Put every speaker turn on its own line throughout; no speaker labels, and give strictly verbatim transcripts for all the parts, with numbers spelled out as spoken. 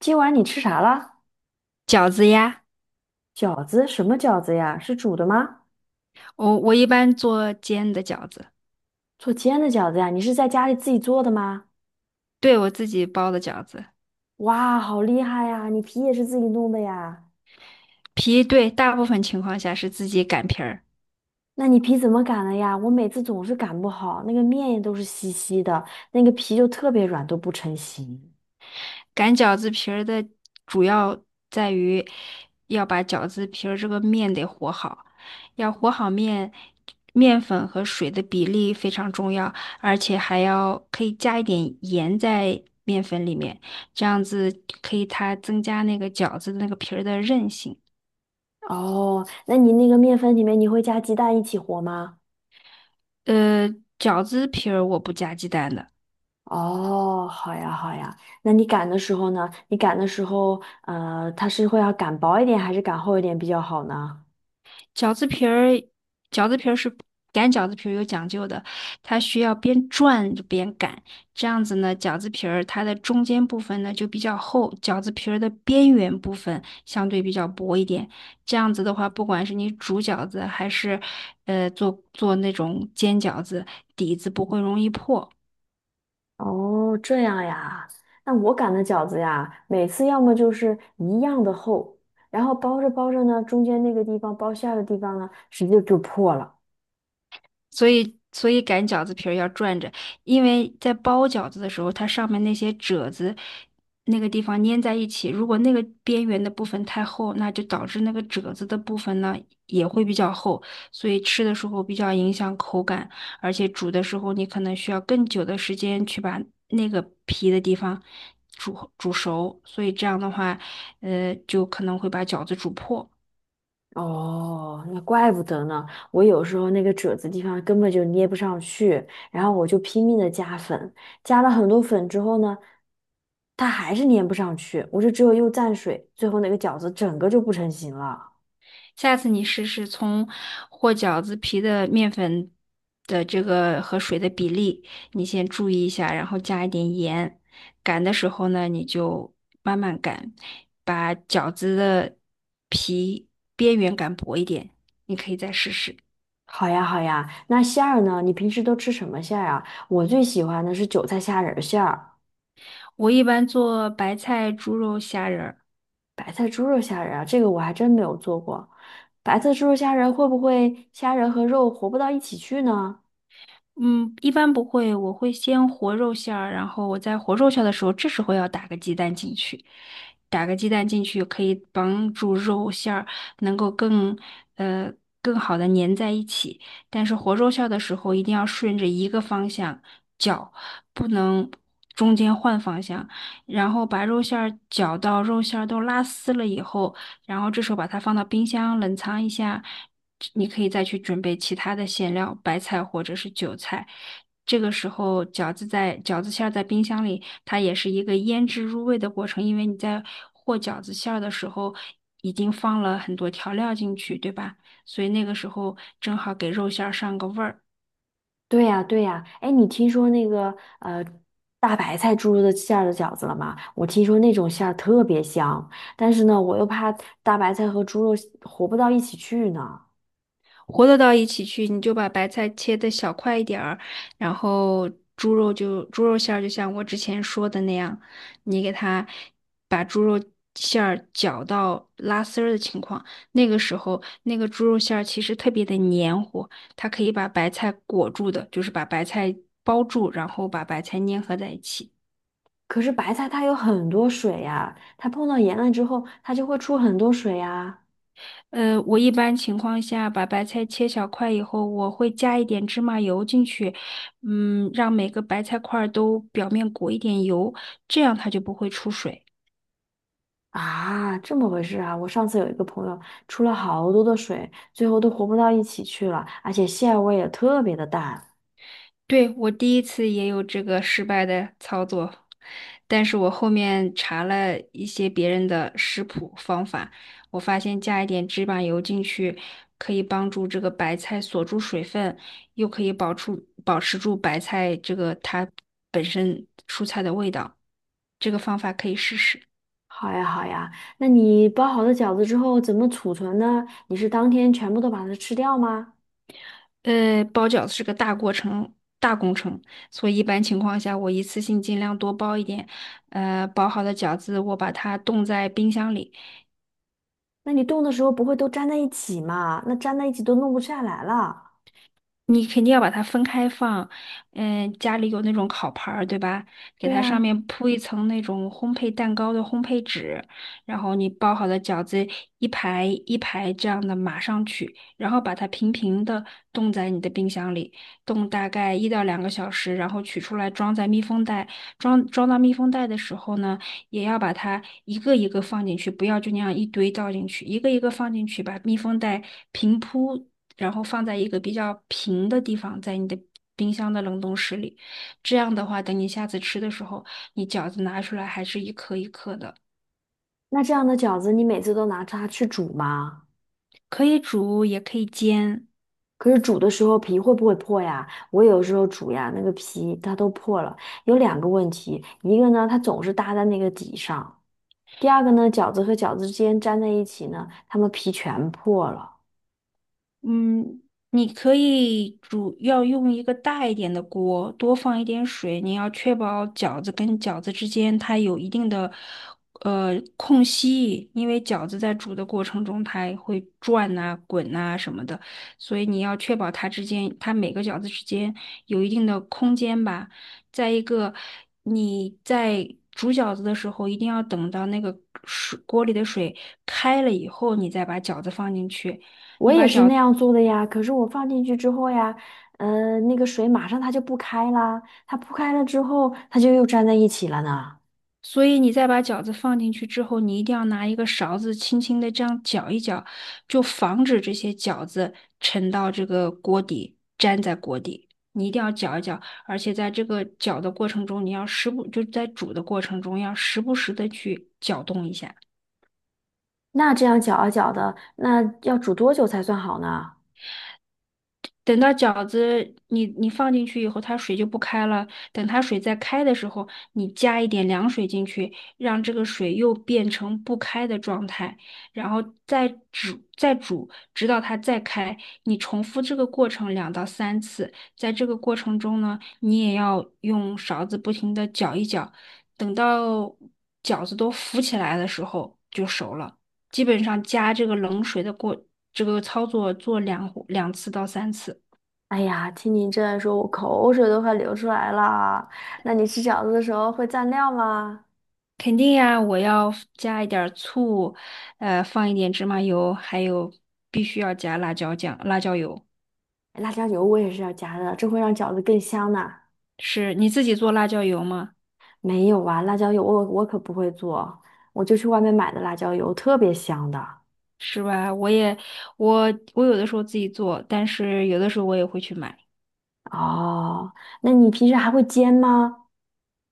今晚你吃啥了？
饺子呀，
饺子？什么饺子呀？是煮的吗？
我我一般做煎的饺子。
做煎的饺子呀？你是在家里自己做的吗？
对，我自己包的饺子。
哇，好厉害呀！你皮也是自己弄的呀？
皮，对，大部分情况下是自己擀皮儿。
那你皮怎么擀的呀？我每次总是擀不好，那个面也都是稀稀的，那个皮就特别软，都不成形。
擀饺子皮儿的主要在于要把饺子皮儿这个面得和好，要和好面，面粉和水的比例非常重要，而且还要可以加一点盐在面粉里面，这样子可以它增加那个饺子的那个皮儿的韧性。
哦，那你那个面粉里面你会加鸡蛋一起和吗？
呃，饺子皮儿我不加鸡蛋的。
哦，好呀，好呀。那你擀的时候呢？你擀的时候，呃，它是会要擀薄一点还是擀厚一点比较好呢？
饺子皮儿，饺子皮儿是擀饺子皮儿有讲究的，它需要边转着边擀，这样子呢，饺子皮儿它的中间部分呢就比较厚，饺子皮儿的边缘部分相对比较薄一点。这样子的话，不管是你煮饺子还是呃做做那种煎饺子，底子不会容易破。
哦，这样呀。那我擀的饺子呀，每次要么就是一样的厚，然后包着包着呢，中间那个地方包馅儿的地方呢，直接就破了。
所以所以擀饺子皮儿要转着，因为在包饺子的时候，它上面那些褶子那个地方粘在一起，如果那个边缘的部分太厚，那就导致那个褶子的部分呢也会比较厚，所以吃的时候比较影响口感，而且煮的时候你可能需要更久的时间去把那个皮的地方煮煮熟，所以这样的话，呃，就可能会把饺子煮破。
哦，那怪不得呢。我有时候那个褶子地方根本就捏不上去，然后我就拼命的加粉，加了很多粉之后呢，它还是粘不上去，我就只有又蘸水，最后那个饺子整个就不成形了。
下次你试试从和饺子皮的面粉的这个和水的比例，你先注意一下，然后加一点盐。擀的时候呢，你就慢慢擀，把饺子的皮边缘擀薄一点。你可以再试试。
好呀，好呀。那馅儿呢？你平时都吃什么馅儿啊？我最喜欢的是韭菜虾仁儿馅儿、
我一般做白菜、猪肉、虾仁儿。
白菜猪肉虾仁儿啊，这个我还真没有做过。白菜猪肉虾仁儿会不会虾仁和肉活不到一起去呢？
嗯，一般不会，我会先和肉馅儿，然后我在和肉馅儿的时候，这时候要打个鸡蛋进去。打个鸡蛋进去可以帮助肉馅儿能够更呃更好的粘在一起。但是和肉馅儿的时候，一定要顺着一个方向搅，不能中间换方向。然后把肉馅儿搅到肉馅儿都拉丝了以后，然后这时候把它放到冰箱冷藏一下。你可以再去准备其他的馅料，白菜或者是韭菜。这个时候，饺子在饺子馅儿在冰箱里，它也是一个腌制入味的过程，因为你在和饺子馅儿的时候已经放了很多调料进去，对吧？所以那个时候正好给肉馅儿上个味儿。
对呀，对呀。哎，你听说那个呃大白菜猪肉的馅儿的饺子了吗？我听说那种馅儿特别香，但是呢，我又怕大白菜和猪肉活不到一起去呢。
和得到一起去，你就把白菜切的小块一点儿，然后猪肉就猪肉馅儿，就像我之前说的那样，你给它把猪肉馅儿搅到拉丝儿的情况，那个时候那个猪肉馅儿其实特别的黏糊，它可以把白菜裹住的，就是把白菜包住，然后把白菜粘合在一起。
可是白菜它有很多水呀，它碰到盐了之后，它就会出很多水呀。
呃，我一般情况下把白菜切小块以后，我会加一点芝麻油进去。嗯，让每个白菜块儿都表面裹一点油，这样它就不会出水。
啊，这么回事啊！我上次有一个朋友出了好多的水，最后都活不到一起去了，而且馅味也特别的淡。
对，我第一次也有这个失败的操作，但是我后面查了一些别人的食谱方法，我发现加一点芝麻油进去，可以帮助这个白菜锁住水分，又可以保出保持住白菜这个它本身蔬菜的味道，这个方法可以试试。
好呀好呀，那你包好的饺子之后怎么储存呢？你是当天全部都把它吃掉吗？
呃，包饺子是个大过程，大工程，所以一般情况下，我一次性尽量多包一点。呃，包好的饺子我把它冻在冰箱里。
那你冻的时候不会都粘在一起吗？那粘在一起都弄不下来了。
你肯定要把它分开放。嗯，家里有那种烤盘儿，对吧？给
对
它上
呀，
面铺一层那种烘焙蛋糕的烘焙纸，然后你包好的饺子一排一排这样的码上去，然后把它平平的冻在你的冰箱里，冻大概一到两个小时，然后取出来装在密封袋。装装到密封袋的时候呢，也要把它一个一个放进去，不要就那样一堆倒进去，一个一个放进去，把密封袋平铺。然后放在一个比较平的地方，在你的冰箱的冷冻室里。这样的话，等你下次吃的时候，你饺子拿出来还是一颗一颗的。
那这样的饺子你每次都拿它去煮吗？
可以煮，也可以煎。
可是煮的时候皮会不会破呀？我有时候煮呀，那个皮它都破了。有两个问题，一个呢，它总是搭在那个底上；第二个呢，饺子和饺子之间粘在一起呢，它们皮全破了。
嗯，你可以主要用一个大一点的锅，多放一点水。你要确保饺子跟饺子之间它有一定的呃空隙，因为饺子在煮的过程中它会转呐、滚呐、什么的，所以你要确保它之间，它每个饺子之间有一定的空间吧。再一个，你在煮饺子的时候，一定要等到那个水锅里的水开了以后，你再把饺子放进去。
我
你
也
把
是
饺
那样做的呀，可是我放进去之后呀，呃，那个水马上它就不开啦，它不开了之后，它就又粘在一起了呢。
所以你再把饺子放进去之后，你一定要拿一个勺子轻轻的这样搅一搅，就防止这些饺子沉到这个锅底，粘在锅底。你一定要搅一搅，而且在这个搅的过程中，你要时不，就在煮的过程中，要时不时的去搅动一下。
那这样搅啊搅的，那要煮多久才算好呢？
等到饺子你你放进去以后，它水就不开了。等它水再开的时候，你加一点凉水进去，让这个水又变成不开的状态，然后再煮再煮，直到它再开。你重复这个过程两到三次。在这个过程中呢，你也要用勺子不停的搅一搅，等到饺子都浮起来的时候就熟了。基本上加这个冷水的过这个操作做两两次到三次。
哎呀，听你这样说，我口水都快流出来了。那你吃饺子的时候会蘸料吗？
肯定呀，我要 f- 加一点儿醋，呃，放一点芝麻油，还有必须要加辣椒酱、辣椒油。
哎辣椒油我也是要加的，这会让饺子更香呢。
是你自己做辣椒油吗？
没有啊，辣椒油我我可不会做，我就去外面买的辣椒油，特别香的。
是吧？我也，我我有的时候自己做，但是有的时候我也会去买。
哦，那你平时还会煎吗？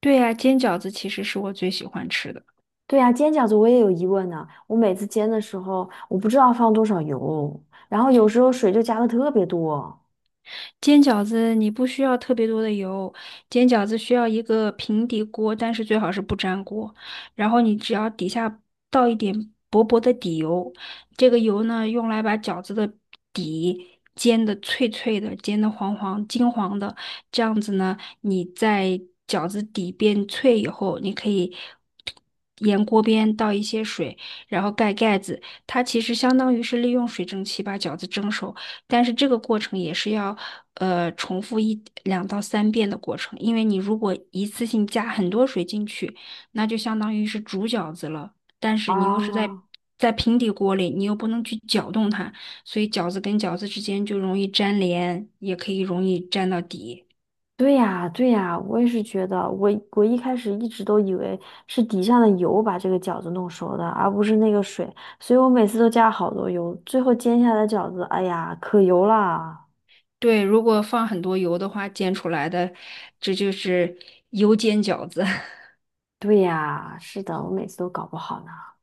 对呀，煎饺子其实是我最喜欢吃的。
对呀，煎饺子我也有疑问呢。我每次煎的时候，我不知道放多少油，然后有时候水就加的特别多。
煎饺子你不需要特别多的油，煎饺子需要一个平底锅，但是最好是不粘锅。然后你只要底下倒一点薄薄的底油，这个油呢用来把饺子的底煎的脆脆的，煎的黄黄金黄的。这样子呢，你在饺子底变脆以后，你可以沿锅边倒一些水，然后盖盖子。它其实相当于是利用水蒸气把饺子蒸熟。但是这个过程也是要呃重复一两到三遍的过程，因为你如果一次性加很多水进去，那就相当于是煮饺子了，但是你又是在
啊。
在平底锅里，你又不能去搅动它，所以饺子跟饺子之间就容易粘连，也可以容易粘到底。
对呀，对呀，我也是觉得，我我一开始一直都以为是底下的油把这个饺子弄熟的，而不是那个水，所以我每次都加好多油，最后煎下来的饺子，哎呀，可油啦！
对，如果放很多油的话，煎出来的这就是油煎饺子。
对呀，是的，我每次都搞不好呢。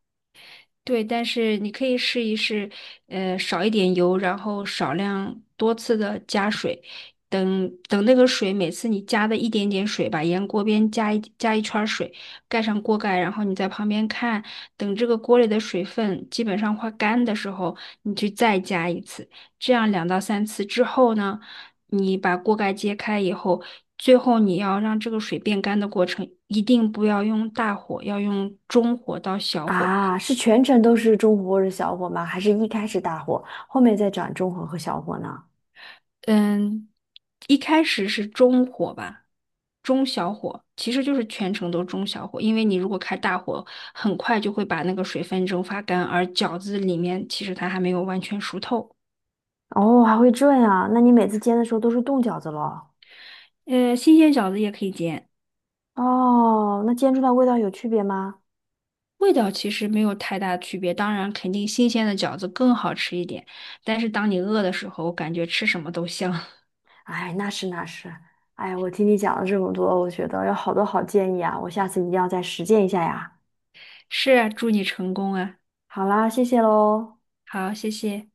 对，但是你可以试一试，呃，少一点油，然后少量多次的加水，等等那个水，每次你加的一点点水吧，沿锅边加一加一圈儿水，盖上锅盖，然后你在旁边看，等这个锅里的水分基本上快干的时候，你去再加一次，这样两到三次之后呢，你把锅盖揭开以后，最后你要让这个水变干的过程，一定不要用大火，要用中火到小火。
啊，是全程都是中火或者小火吗？还是一开始大火，后面再转中火和小火呢？
嗯，一开始是中火吧，中小火，其实就是全程都中小火，因为你如果开大火，很快就会把那个水分蒸发干，而饺子里面其实它还没有完全熟透。
哦，还会这样啊？那你每次煎的时候都是冻饺子咯？
呃，新鲜饺子也可以煎，
哦，那煎出来味道有区别吗？
味道其实没有太大区别，当然肯定新鲜的饺子更好吃一点，但是当你饿的时候，感觉吃什么都香。
哎，那是那是，哎，我听你讲了这么多，我觉得有好多好建议啊，我下次一定要再实践一下呀。
是啊，祝你成功啊！
好啦，谢谢喽。
好，谢谢。